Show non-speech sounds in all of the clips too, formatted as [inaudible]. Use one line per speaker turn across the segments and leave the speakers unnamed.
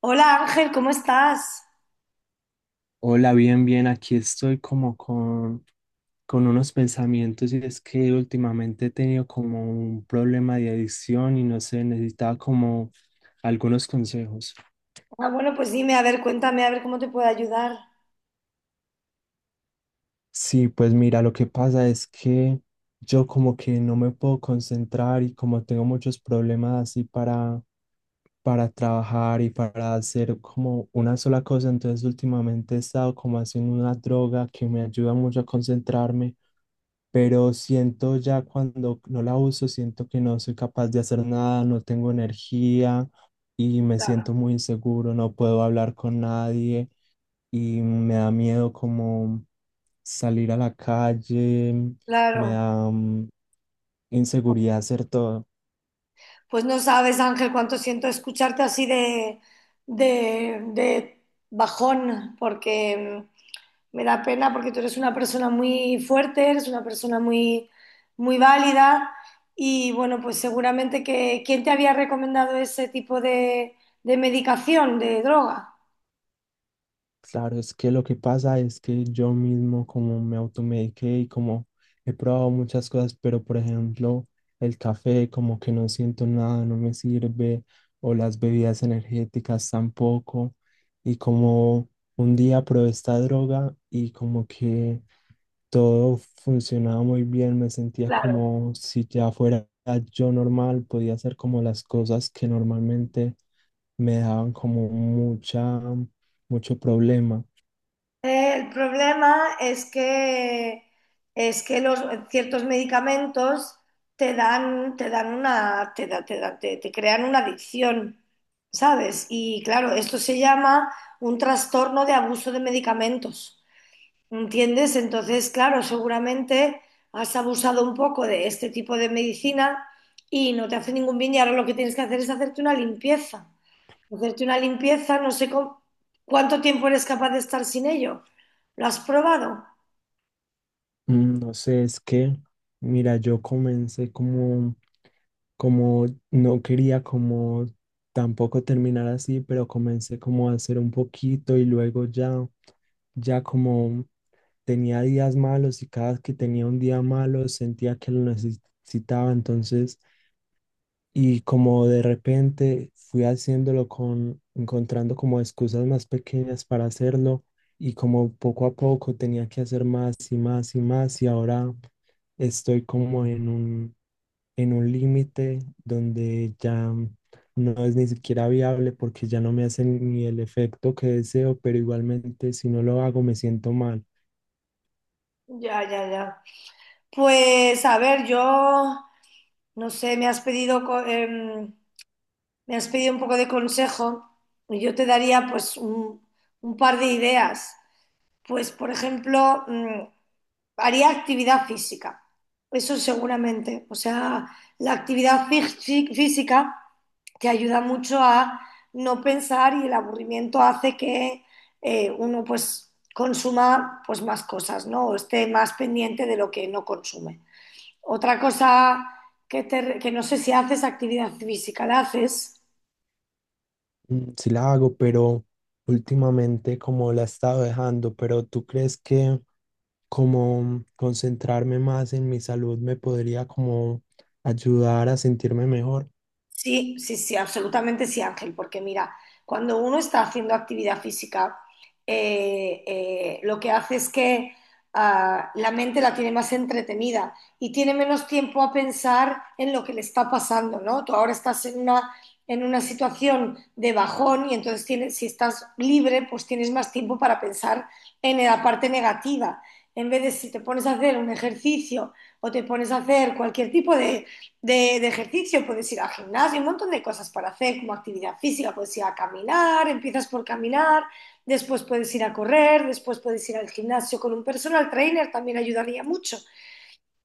Hola Ángel, ¿cómo estás?
Hola, bien, bien, aquí estoy como con unos pensamientos, y es que últimamente he tenido como un problema de adicción y no sé, necesitaba como algunos consejos.
Ah, bueno, pues dime, a ver, cuéntame, a ver cómo te puedo ayudar.
Sí, pues mira, lo que pasa es que yo como que no me puedo concentrar y como tengo muchos problemas así para trabajar y para hacer como una sola cosa. Entonces últimamente he estado como haciendo una droga que me ayuda mucho a concentrarme, pero siento ya cuando no la uso, siento que no soy capaz de hacer nada, no tengo energía y me siento
Claro.
muy inseguro, no puedo hablar con nadie y me da miedo como salir a la calle, me
Claro,
da inseguridad hacer todo.
pues no sabes Ángel cuánto siento escucharte así de bajón, porque me da pena porque tú eres una persona muy fuerte, eres una persona muy, muy válida y bueno, pues seguramente que ¿quién te había recomendado ese tipo de medicación, de droga?
Claro, es que lo que pasa es que yo mismo como me automediqué y como he probado muchas cosas, pero por ejemplo el café como que no siento nada, no me sirve, o las bebidas energéticas tampoco, y como un día probé esta droga y como que todo funcionaba muy bien, me sentía
Claro.
como si ya fuera yo normal, podía hacer como las cosas que normalmente me daban como mucha mucho problema.
El problema es que ciertos medicamentos te crean una adicción, ¿sabes? Y claro, esto se llama un trastorno de abuso de medicamentos, ¿entiendes? Entonces, claro, seguramente has abusado un poco de este tipo de medicina y no te hace ningún bien y ahora lo que tienes que hacer es hacerte una limpieza. Hacerte una limpieza, no sé cuánto tiempo eres capaz de estar sin ello. ¿Lo has probado?
No sé, es que, mira, yo comencé como, como, no quería como tampoco terminar así, pero comencé como a hacer un poquito y luego ya, ya como tenía días malos, y cada vez que tenía un día malo sentía que lo necesitaba. Entonces y como de repente fui haciéndolo con, encontrando como excusas más pequeñas para hacerlo, y como poco a poco tenía que hacer más y más y más, y ahora estoy como en un límite donde ya no es ni siquiera viable porque ya no me hace ni el efecto que deseo, pero igualmente si no lo hago me siento mal.
Ya, ya, ya. Pues a ver, yo no sé, me has pedido un poco de consejo y yo te daría pues un par de ideas. Pues por ejemplo, haría actividad física, eso seguramente. O sea, la actividad física te ayuda mucho a no pensar y el aburrimiento hace que uno pues consuma pues más cosas, ¿no? O esté más pendiente de lo que no consume. Otra cosa que no sé si haces actividad física, ¿la haces?
Sí la hago, pero últimamente como la he estado dejando, pero ¿tú crees que... como concentrarme más en mi salud me podría como ayudar a sentirme mejor?
Sí, sí, sí, absolutamente sí, Ángel, porque mira, cuando uno está haciendo actividad física, lo que hace es que la mente la tiene más entretenida y tiene menos tiempo a pensar en lo que le está pasando, ¿no? Tú ahora estás en una situación de bajón y entonces tienes, si estás libre, pues tienes más tiempo para pensar en la parte negativa. En vez de si te pones a hacer un ejercicio o te pones a hacer cualquier tipo de ejercicio, puedes ir al gimnasio, un montón de cosas para hacer, como actividad física, puedes ir a caminar, empiezas por caminar, después puedes ir a correr, después puedes ir al gimnasio con un personal trainer, también ayudaría mucho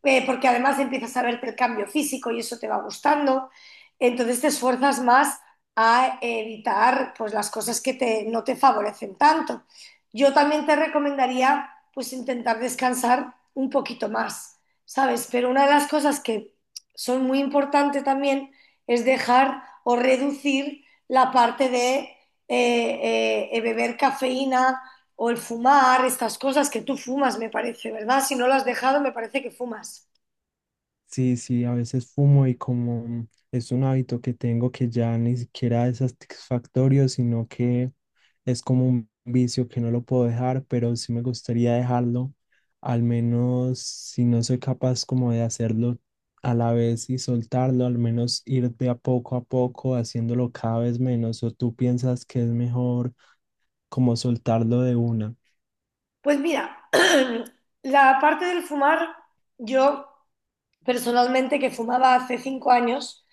porque además empiezas a verte el cambio físico y eso te va gustando, entonces te esfuerzas más a evitar pues, las cosas que no te favorecen tanto. Yo también te recomendaría pues intentar descansar un poquito más, ¿sabes? Pero una de las cosas que son muy importantes también es dejar o reducir la parte de beber cafeína o el fumar, estas cosas que tú fumas, me parece, ¿verdad? Si no lo has dejado, me parece que fumas.
Sí, sí, a veces fumo, y como es un hábito que tengo que ya ni siquiera es satisfactorio, sino que es como un vicio que no lo puedo dejar, pero sí me gustaría dejarlo. Al menos si no soy capaz como de hacerlo a la vez y soltarlo, al menos ir de a poco haciéndolo cada vez menos, ¿o tú piensas que es mejor como soltarlo de una?
Pues mira, [clears throat] la parte del fumar, yo personalmente que fumaba hace 5 años,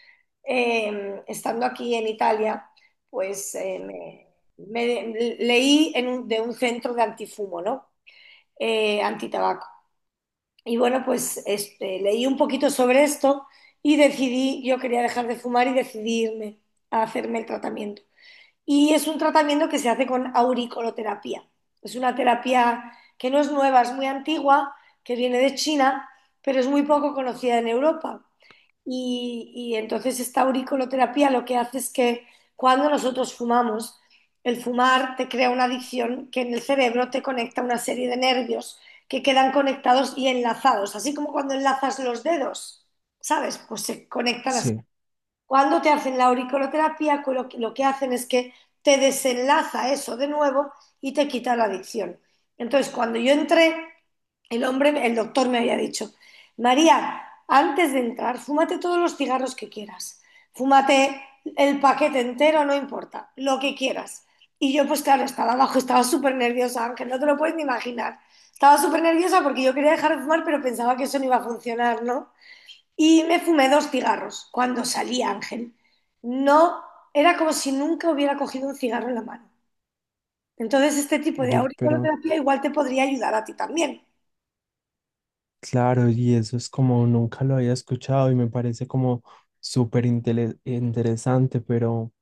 estando aquí en Italia, pues leí en de un centro de antifumo, ¿no? Antitabaco. Y bueno, pues este, leí un poquito sobre esto y decidí, yo quería dejar de fumar y decidí irme a hacerme el tratamiento. Y es un tratamiento que se hace con auriculoterapia. Es una terapia que no es nueva, es muy antigua, que viene de China, pero es muy poco conocida en Europa. Y entonces esta auriculoterapia lo que hace es que cuando nosotros fumamos, el fumar te crea una adicción que en el cerebro te conecta una serie de nervios que quedan conectados y enlazados, así como cuando enlazas los dedos, ¿sabes? Pues se conectan así.
Sí,
Cuando te hacen la auriculoterapia, lo que hacen es que te desenlaza eso de nuevo y te quita la adicción. Entonces, cuando yo entré, el hombre, el doctor me había dicho, María, antes de entrar, fúmate todos los cigarros que quieras, fúmate el paquete entero, no importa, lo que quieras. Y yo, pues claro, estaba abajo, estaba súper nerviosa, Ángel, no te lo puedes ni imaginar. Estaba súper nerviosa porque yo quería dejar de fumar, pero pensaba que eso no iba a funcionar, ¿no? Y me fumé dos cigarros cuando salí, Ángel. No, era como si nunca hubiera cogido un cigarro en la mano. Entonces, este tipo de
uy, pero
auriculoterapia igual te podría ayudar a ti también.
claro, y eso es como nunca lo había escuchado y me parece como súper interesante, pero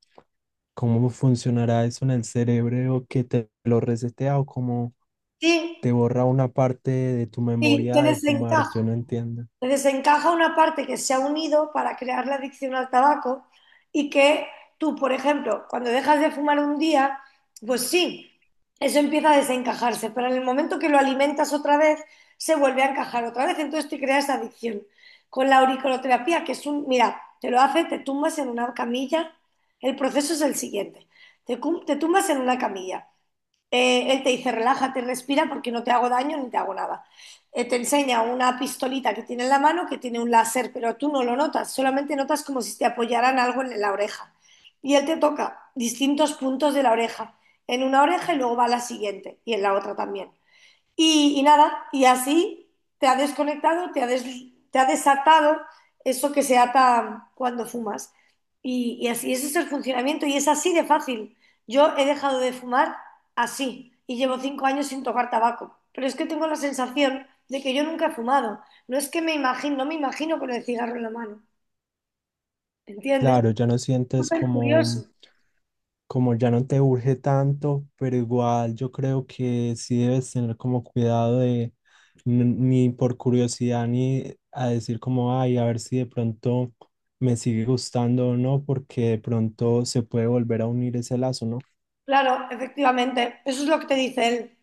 ¿cómo funcionará eso en el cerebro, que te lo resetea o como
Sí,
te borra una parte de tu
sí, te
memoria de fumar? Yo
desencaja.
no entiendo.
Entonces se encaja una parte que se ha unido para crear la adicción al tabaco y que tú, por ejemplo, cuando dejas de fumar un día, pues sí, eso empieza a desencajarse, pero en el momento que lo alimentas otra vez, se vuelve a encajar otra vez, entonces te creas adicción. Con la auriculoterapia, que es mira, te lo hace, te tumbas en una camilla, el proceso es el siguiente, te tumbas en una camilla, él te dice, relájate, respira porque no te hago daño ni te hago nada. Te enseña una pistolita que tiene en la mano que tiene un láser, pero tú no lo notas, solamente notas como si te apoyaran algo en la oreja. Y él te toca distintos puntos de la oreja, en una oreja y luego va a la siguiente y en la otra también. Y nada, y así te ha desconectado, te ha desatado eso que se ata cuando fumas. Y así, ese es el funcionamiento y es así de fácil. Yo he dejado de fumar así y llevo 5 años sin tocar tabaco. Pero es que tengo la sensación de que yo nunca he fumado. No es que me imagino, no me imagino con el cigarro en la mano. ¿Entiendes?
Claro, ya no sientes
Súper
como
curioso.
como ya no te urge tanto, pero igual yo creo que sí debes tener como cuidado de ni por curiosidad ni a decir como, ay, a ver si de pronto me sigue gustando o no, porque de pronto se puede volver a unir ese lazo, ¿no?
Claro, efectivamente, eso es lo que te dice él,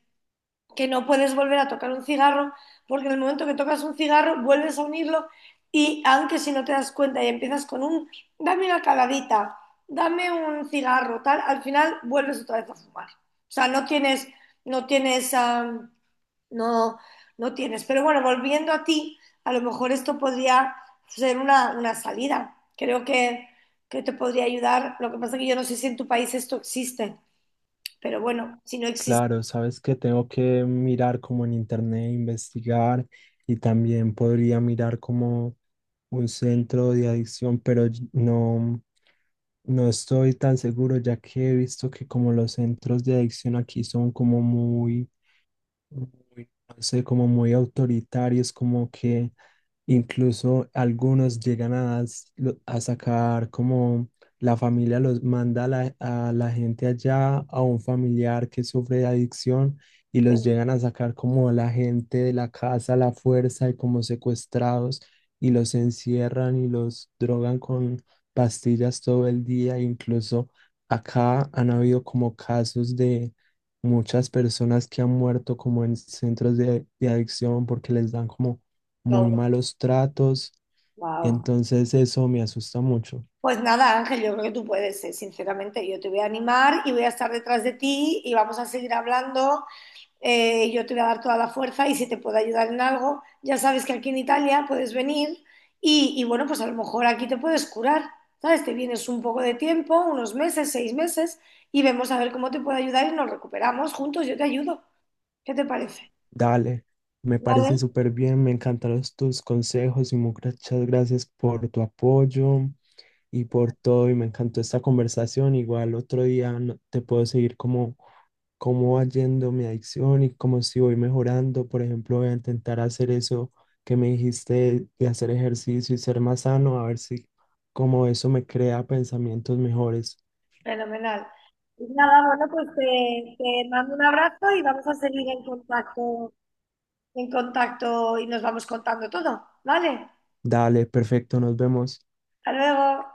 que no puedes volver a tocar un cigarro, porque en el momento que tocas un cigarro vuelves a unirlo y aunque si no te das cuenta y empiezas con un, dame una caladita, dame un cigarro, tal, al final vuelves otra vez a fumar. O sea, no tienes, no tienes, no, no tienes. Pero bueno, volviendo a ti, a lo mejor esto podría ser una salida. Creo que te podría ayudar. Lo que pasa es que yo no sé si en tu país esto existe, pero bueno, si no existe,
Claro, sabes que tengo que mirar como en internet, investigar, y también podría mirar como un centro de adicción, pero no. No estoy tan seguro, ya que he visto que como los centros de adicción aquí son como muy muy, no sé, como muy autoritarios, como que incluso algunos llegan a, a sacar como la familia los manda a la gente allá, a un familiar que sufre de adicción, y los llegan a sacar como la gente de la casa a la fuerza y como secuestrados, y los encierran y los drogan con pastillas todo el día. Incluso acá han habido como casos, muchas personas que han muerto como en centros de adicción porque les dan como muy
no,
malos tratos. Y
wow.
entonces eso me asusta mucho.
Pues nada, Ángel, yo creo que tú puedes, sinceramente. Yo te voy a animar y voy a estar detrás de ti y vamos a seguir hablando. Yo te voy a dar toda la fuerza y si te puedo ayudar en algo, ya sabes que aquí en Italia puedes venir y bueno, pues a lo mejor aquí te puedes curar, ¿sabes? Te vienes un poco de tiempo, unos meses, 6 meses, y vemos a ver cómo te puedo ayudar y nos recuperamos juntos. Yo te ayudo. ¿Qué te parece?
Dale, me parece
Vale,
súper bien, me encantaron tus consejos y muchas gracias por tu apoyo y por todo. Y me encantó esta conversación. Igual otro día te puedo seguir como cómo va yendo mi adicción y cómo, si voy mejorando. Por ejemplo, voy a intentar hacer eso que me dijiste de hacer ejercicio y ser más sano, a ver si como eso me crea pensamientos mejores.
fenomenal. Pues nada, bueno, pues te mando un abrazo y vamos a seguir en contacto y nos vamos contando todo, ¿vale?
Dale, perfecto, nos vemos.
Hasta luego.